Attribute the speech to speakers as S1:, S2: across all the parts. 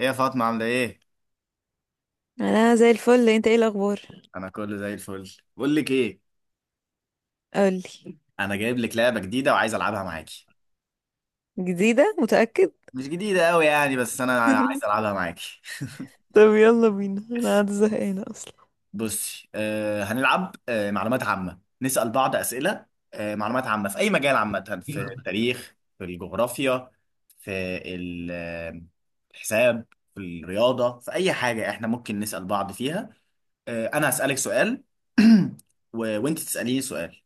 S1: ايه يا فاطمة، عاملة ايه؟
S2: انا زي الفل. انت ايه الاخبار؟
S1: أنا كله زي الفل. بقول لك ايه؟
S2: قولي.
S1: أنا جايب لك لعبة جديدة وعايز ألعبها معاكي.
S2: جديده؟ متاكد؟
S1: مش جديدة أوي يعني، بس أنا عايز ألعبها معاكي.
S2: طب يلا بينا، انا قاعده زهقانه اصلا.
S1: بصي، هنلعب معلومات عامة، نسأل بعض أسئلة. معلومات عامة في أي مجال، عامة في التاريخ، في الجغرافيا، في ال- آه، الحساب، في الرياضة، في أي حاجة إحنا ممكن نسأل بعض فيها. أنا هسألك سؤال. و... وأنت تسأليني سؤال،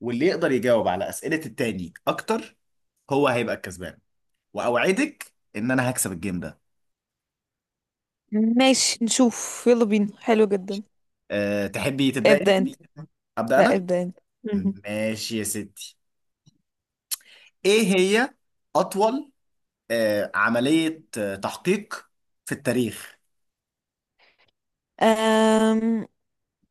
S1: واللي يقدر يجاوب على أسئلة التاني أكتر هو هيبقى الكسبان. وأوعدك إن أنا هكسب الجيم ده.
S2: ماشي نشوف. يلا بينا، حلو جدا.
S1: أه، تحبي تبدأ أنت؟
S2: ابدا انت.
S1: أبدأ
S2: لا،
S1: أنا؟
S2: ابدا انت. مهم.
S1: ماشي يا ستي. إيه هي أطول أه عملية تحقيق في التاريخ؟
S2: أم...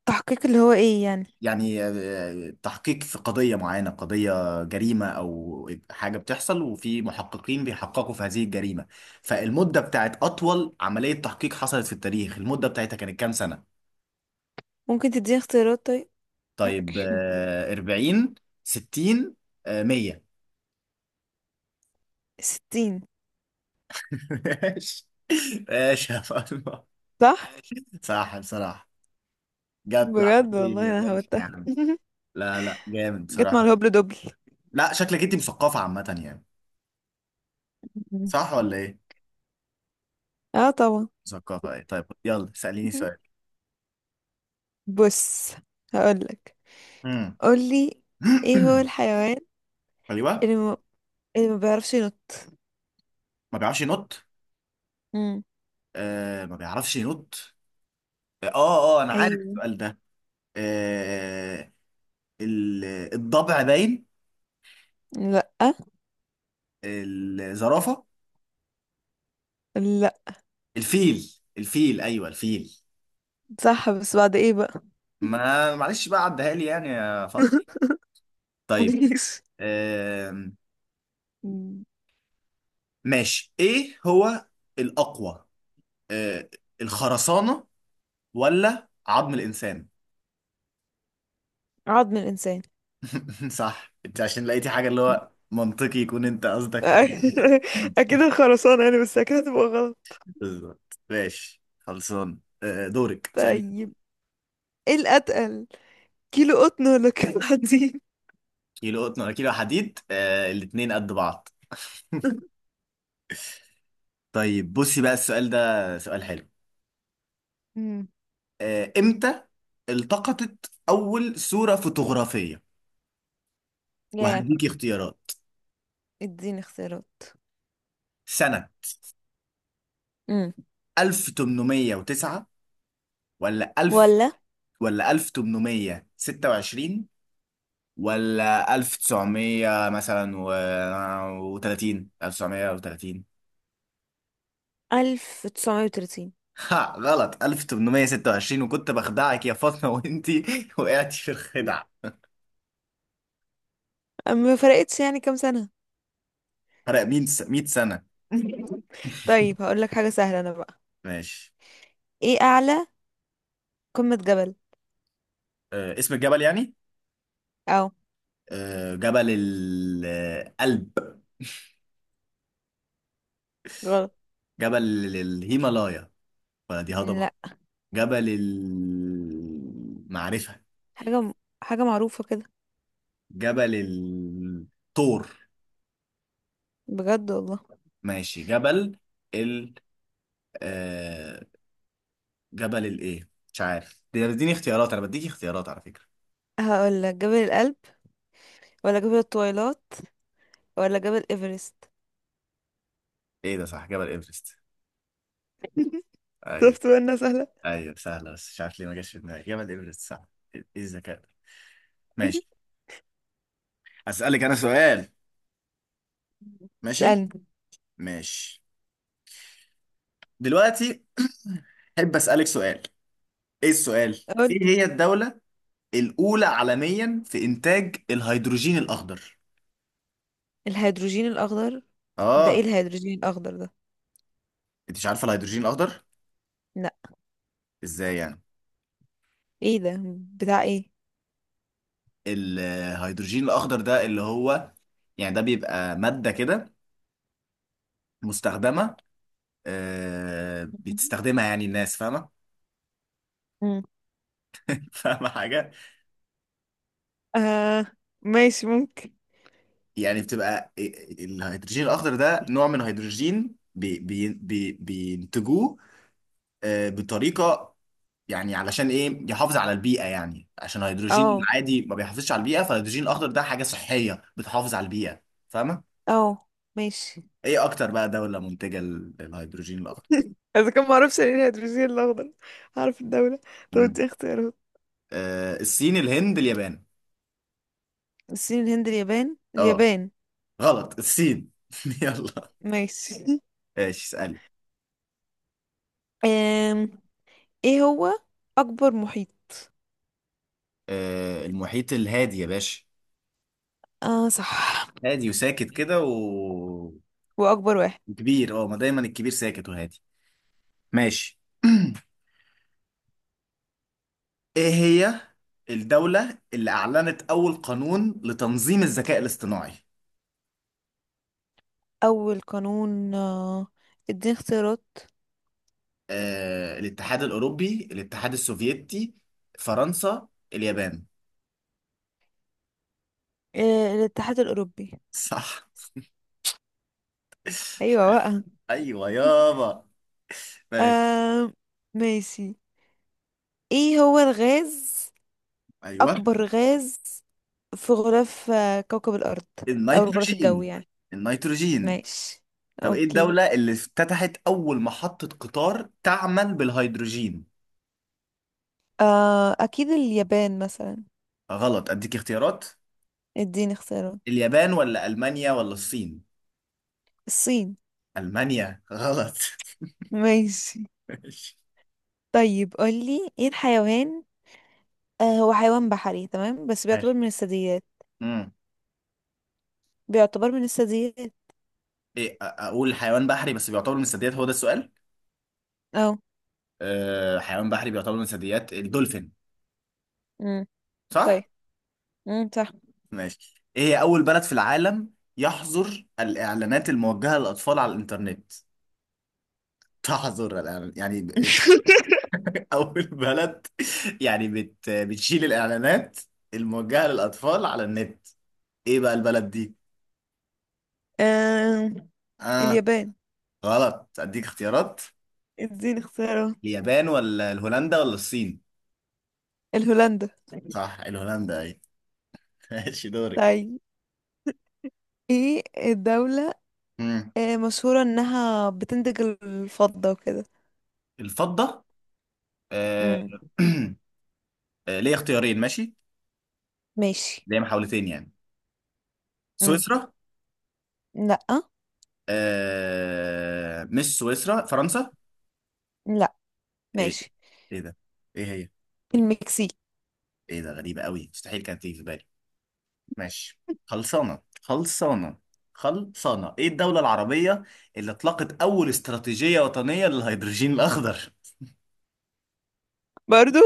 S2: تحقيق اللي هو ايه يعني؟
S1: يعني تحقيق في قضية معينة، قضية جريمة أو حاجة بتحصل، وفي محققين بيحققوا في هذه الجريمة. فالمدة بتاعت أطول عملية تحقيق حصلت في التاريخ، المدة بتاعتها كانت كام سنة؟
S2: ممكن تديني اختيارات طيب؟
S1: طيب 40، 60، 100.
S2: ستين.
S1: ماشي. ماشي يا فاطمة.
S2: صح.
S1: صح بصراحة، جت معاك.
S2: بجد والله انا
S1: ماشي يا
S2: هبتها.
S1: عم، لا لا، جامد
S2: جت مع
S1: بصراحة.
S2: الهبل دبل.
S1: لا شكلك انت مثقفة عامة يعني.
S2: مم.
S1: صح ولا ايه؟
S2: اه طبعا.
S1: مثقفة ايه. طيب يلا، سأليني سؤال.
S2: بص، هقولك.
S1: مم.
S2: قولي. ايه هو الحيوان
S1: ايوه.
S2: اللي ما, اللي ما بيعرفش ينط؟
S1: ما بيعرفش ينط. آه ما بيعرفش ينط. انا عارف
S2: ايوه.
S1: السؤال ده. آه ال- الضبع باين.
S2: لا،
S1: الزرافة.
S2: لا.
S1: الفيل، ايوه الفيل.
S2: صح، بس بعد ايه بقى؟
S1: ما معلش بقى، عدها لي يعني يا فاطمه. طيب.
S2: ماشي.
S1: آم،
S2: مم.
S1: ماشي. ايه هو الاقوى، آه، الخرسانه ولا عظم الانسان؟
S2: عظم الانسان.
S1: صح. انت عشان لقيتي حاجه اللي هو منطقي يكون انت قصدك حاجه.
S2: اكيد الخرسانة يعني، بس اكيد هتبقى غلط.
S1: بالظبط. ماشي، خلصان. دورك تسألي.
S2: طيب، ايه الاتقل؟ كيلو قطن ولا كيلو حديد؟
S1: كيلو قطن ولا كيلو حديد؟ الاتنين قد بعض. طيب بصي بقى، السؤال ده سؤال حلو.
S2: امم
S1: امتى التقطت أول صورة فوتوغرافية؟
S2: يا،
S1: وهديكي اختيارات.
S2: اديني اختيارات.
S1: سنة
S2: امم
S1: 1809، ولا 1000،
S2: ولا
S1: ولا 1826، ولا 1900 مثلا، و 30 1930.
S2: 1930؟
S1: ها، غلط. 1826. وكنت بخدعك يا فاطمة، وانتي وقعتي في الخدع.
S2: ما فرقتش يعني كام سنة.
S1: فرق 100 سنة.
S2: طيب هقول لك حاجة سهلة انا بقى.
S1: ماشي.
S2: ايه اعلى قمة جبل؟
S1: اسم الجبل يعني.
S2: او
S1: جبل القلب.
S2: غلط.
S1: جبل الهيمالايا، فدي هضبة.
S2: لا.
S1: جبل المعرفة.
S2: حاجة حاجة معروفة كده.
S1: جبل الطور.
S2: بجد والله.
S1: ماشي. جبل ال آه جبل الايه مش عارف، دي اديني اختيارات، انا بديك اختيارات على فكرة.
S2: هقول لك جبل الألب ولا جبل الطويلات ولا جبل إيفرست؟
S1: ايه ده؟ صح، جبل ايفرست. ايوه.
S2: شفت بقى انها سهلة.
S1: ايوه سهلة، بس مش عارف ليه ما جاش في دماغي جبل ايفرست. صح. ايه الذكاء ده. ماشي. اسألك انا سؤال. ماشي.
S2: اسألني.
S1: ماشي. دلوقتي احب اسألك سؤال. ايه السؤال؟
S2: قول.
S1: ايه هي الدولة الاولى عالميا في انتاج الهيدروجين الاخضر؟
S2: الهيدروجين الأخضر؟ ده
S1: اه.
S2: ايه الهيدروجين الأخضر ده؟
S1: انت مش عارفه الهيدروجين الاخضر؟
S2: لا.
S1: ازاي يعني؟
S2: ايه ده؟ بتاع ايه؟
S1: الهيدروجين الاخضر ده اللي هو، يعني ده بيبقى ماده كده مستخدمه، بتستخدمها يعني، الناس فاهمه؟
S2: مم.
S1: فاهمه حاجه.
S2: آه ماشي ممكن.
S1: يعني بتبقى الهيدروجين الاخضر ده نوع من الهيدروجين، بي بي بي بينتجوه بطريقه، يعني علشان ايه، يحافظ على البيئه، يعني عشان الهيدروجين
S2: اه،
S1: العادي ما بيحافظش على البيئه، فالهيدروجين الاخضر ده حاجه صحيه بتحافظ على البيئه. فاهمه؟
S2: اه. ماشي.
S1: ايه اكتر بقى دوله منتجه للهيدروجين الاخضر؟
S2: اذا كان معرفش يعني ايه الهيدروجين الاخضر، هعرف الدولة؟ طب
S1: مم.
S2: ادي اختيارات.
S1: الصين، الهند، اليابان.
S2: الصين، الهند، اليابان.
S1: اه
S2: اليابان.
S1: غلط. الصين. يلا.
S2: ماشي.
S1: ماشي، اسالي.
S2: أم. ايه هو أكبر محيط؟
S1: المحيط الهادي يا باشا.
S2: اه صح.
S1: هادي وساكت كده و...
S2: واكبر واحد.
S1: وكبير. اه، ما دايما الكبير ساكت وهادي. ماشي. ايه هي الدولة اللي اعلنت اول قانون لتنظيم الذكاء الاصطناعي؟
S2: اول قانون. اديني اختيارات.
S1: الاتحاد الاوروبي، الاتحاد السوفيتي، فرنسا، اليابان.
S2: الاتحاد الاوروبي.
S1: صح.
S2: ايوه بقى.
S1: ايوه يابا. ماشي.
S2: آه. ماشي. ايه هو الغاز
S1: ايوه.
S2: اكبر غاز في غلاف كوكب الارض؟ او الغلاف الجوي
S1: النيتروجين.
S2: يعني.
S1: النيتروجين.
S2: ماشي.
S1: طب ايه
S2: اوكي.
S1: الدولة اللي افتتحت اول محطة قطار تعمل بالهيدروجين؟
S2: اكيد اليابان مثلا.
S1: غلط، اديك اختيارات.
S2: اديني اختيارات.
S1: اليابان ولا المانيا ولا الصين؟
S2: الصين.
S1: المانيا. غلط.
S2: ماشي.
S1: ماشي.
S2: طيب قولي، ايه الحيوان؟ هو حيوان بحري تمام، بس بيعتبر من الثدييات.
S1: ماشي.
S2: بيعتبر من الثدييات.
S1: إيه، اقول حيوان بحري بس بيعتبر من الثدييات، هو ده السؤال.
S2: اه.
S1: أه، حيوان بحري بيعتبر من الثدييات، الدولفين. صح.
S2: طيب. صح.
S1: ماشي. ايه هي اول بلد في العالم يحظر الاعلانات الموجهه للاطفال على الانترنت؟ تحظر الإعلان- يعني ب- اول بلد يعني بتشيل الاعلانات الموجهه للاطفال على النت. ايه بقى البلد دي؟
S2: آه...
S1: اه
S2: اليابان.
S1: غلط، اديك اختيارات.
S2: اديني اختيارات.
S1: اليابان ولا الهولندا ولا الصين؟
S2: الهولندا.
S1: صح، الهولندا. ايه. ماشي، دورك.
S2: طيب ايه الدولة
S1: مم.
S2: مشهورة انها بتنتج الفضة وكده.
S1: الفضه. آه،
S2: امم.
S1: ليا اختيارين ماشي.
S2: ماشي.
S1: ليا محاولتين يعني.
S2: امم.
S1: سويسرا.
S2: لا.
S1: مش سويسرا، فرنسا.
S2: لا.
S1: ايه.
S2: ماشي.
S1: ايه ده. ايه هي.
S2: المكسيك.
S1: ايه ده، غريبة قوي، مستحيل كانت تيجي في بالي. ماشي. خلصانة خلصانة خلصانة. ايه الدولة العربية اللي اطلقت اول استراتيجية وطنية للهيدروجين الاخضر؟
S2: برضو.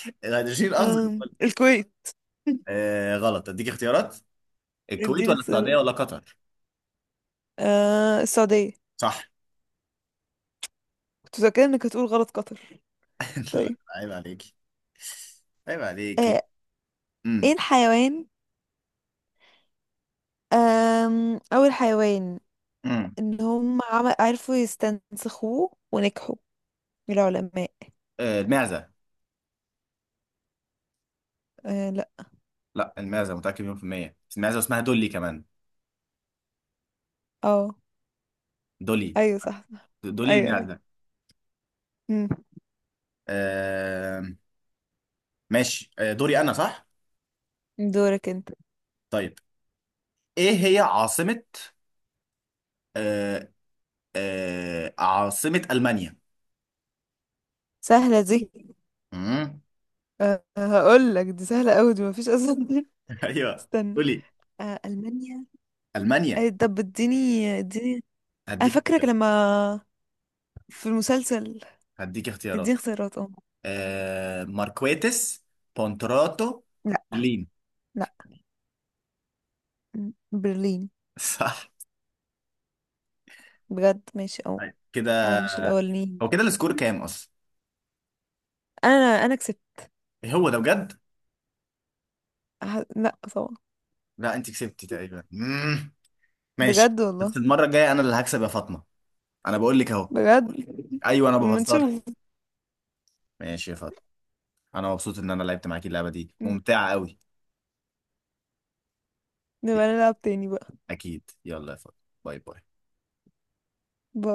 S1: الهيدروجين الاخضر.
S2: الكويت.
S1: غلط، اديك اختيارات. الكويت
S2: اديني
S1: ولا السعودية
S2: اختيارات.
S1: ولا قطر؟
S2: السعودية.
S1: صح.
S2: كنت فاكرة انك هتقول غلط قطر.
S1: لا،
S2: طيب.
S1: عيب عليكي. عيب عليكي.
S2: آه ايه الحيوان؟ اول حيوان
S1: امم.
S2: ان هم عرفوا يستنسخوه ونجحوا، العلماء.
S1: المعزة.
S2: لا.
S1: لا، المعزة متأكد مليون في المية. المعزة اسمها دولي كمان.
S2: اه.
S1: دولي.
S2: ايوه، صح صح.
S1: دولي
S2: ايوه ايوه.
S1: المعزة.
S2: مم.
S1: آه. ماشي. آه، دوري أنا صح؟
S2: دورك انت.
S1: طيب. إيه هي عاصمة آه عاصمة ألمانيا؟
S2: سهلة دي.
S1: مم.
S2: هقول لك دي سهلة قوي دي مفيش اصلا.
S1: أيوه.
S2: استنى.
S1: قولي.
S2: ألمانيا.
S1: ألمانيا.
S2: طب اديني اديني. انا
S1: هديك
S2: فاكرك
S1: اختيارات.
S2: لما في المسلسل.
S1: هديك اختيارات.
S2: اديني اختيارات اه.
S1: ماركويتس، بونتراتو،
S2: لا.
S1: لين.
S2: لا. مم. برلين.
S1: صح.
S2: بجد ماشي اه.
S1: طيب
S2: هو
S1: كده.
S2: مش الاولاني؟
S1: هو كده السكور كام أصلا؟
S2: انا كسبت.
S1: إيه هو ده بجد؟
S2: لا طبعا.
S1: لا، أنت كسبتي تقريبا. مم. ماشي.
S2: بجد والله.
S1: بس المرة الجاية أنا اللي هكسب يا فاطمة. أنا بقول لك أهو.
S2: بجد.
S1: أيوه، أنا
S2: اما
S1: بهزر.
S2: نشوف.
S1: ماشي يا فاطمة. أنا مبسوط إن أنا لعبت معاكي، اللعبة دي
S2: مم.
S1: ممتعة أوي.
S2: نبقى
S1: يلا،
S2: نلعب تاني بقى.
S1: أكيد يلا يا فاطمة. باي باي.
S2: باي.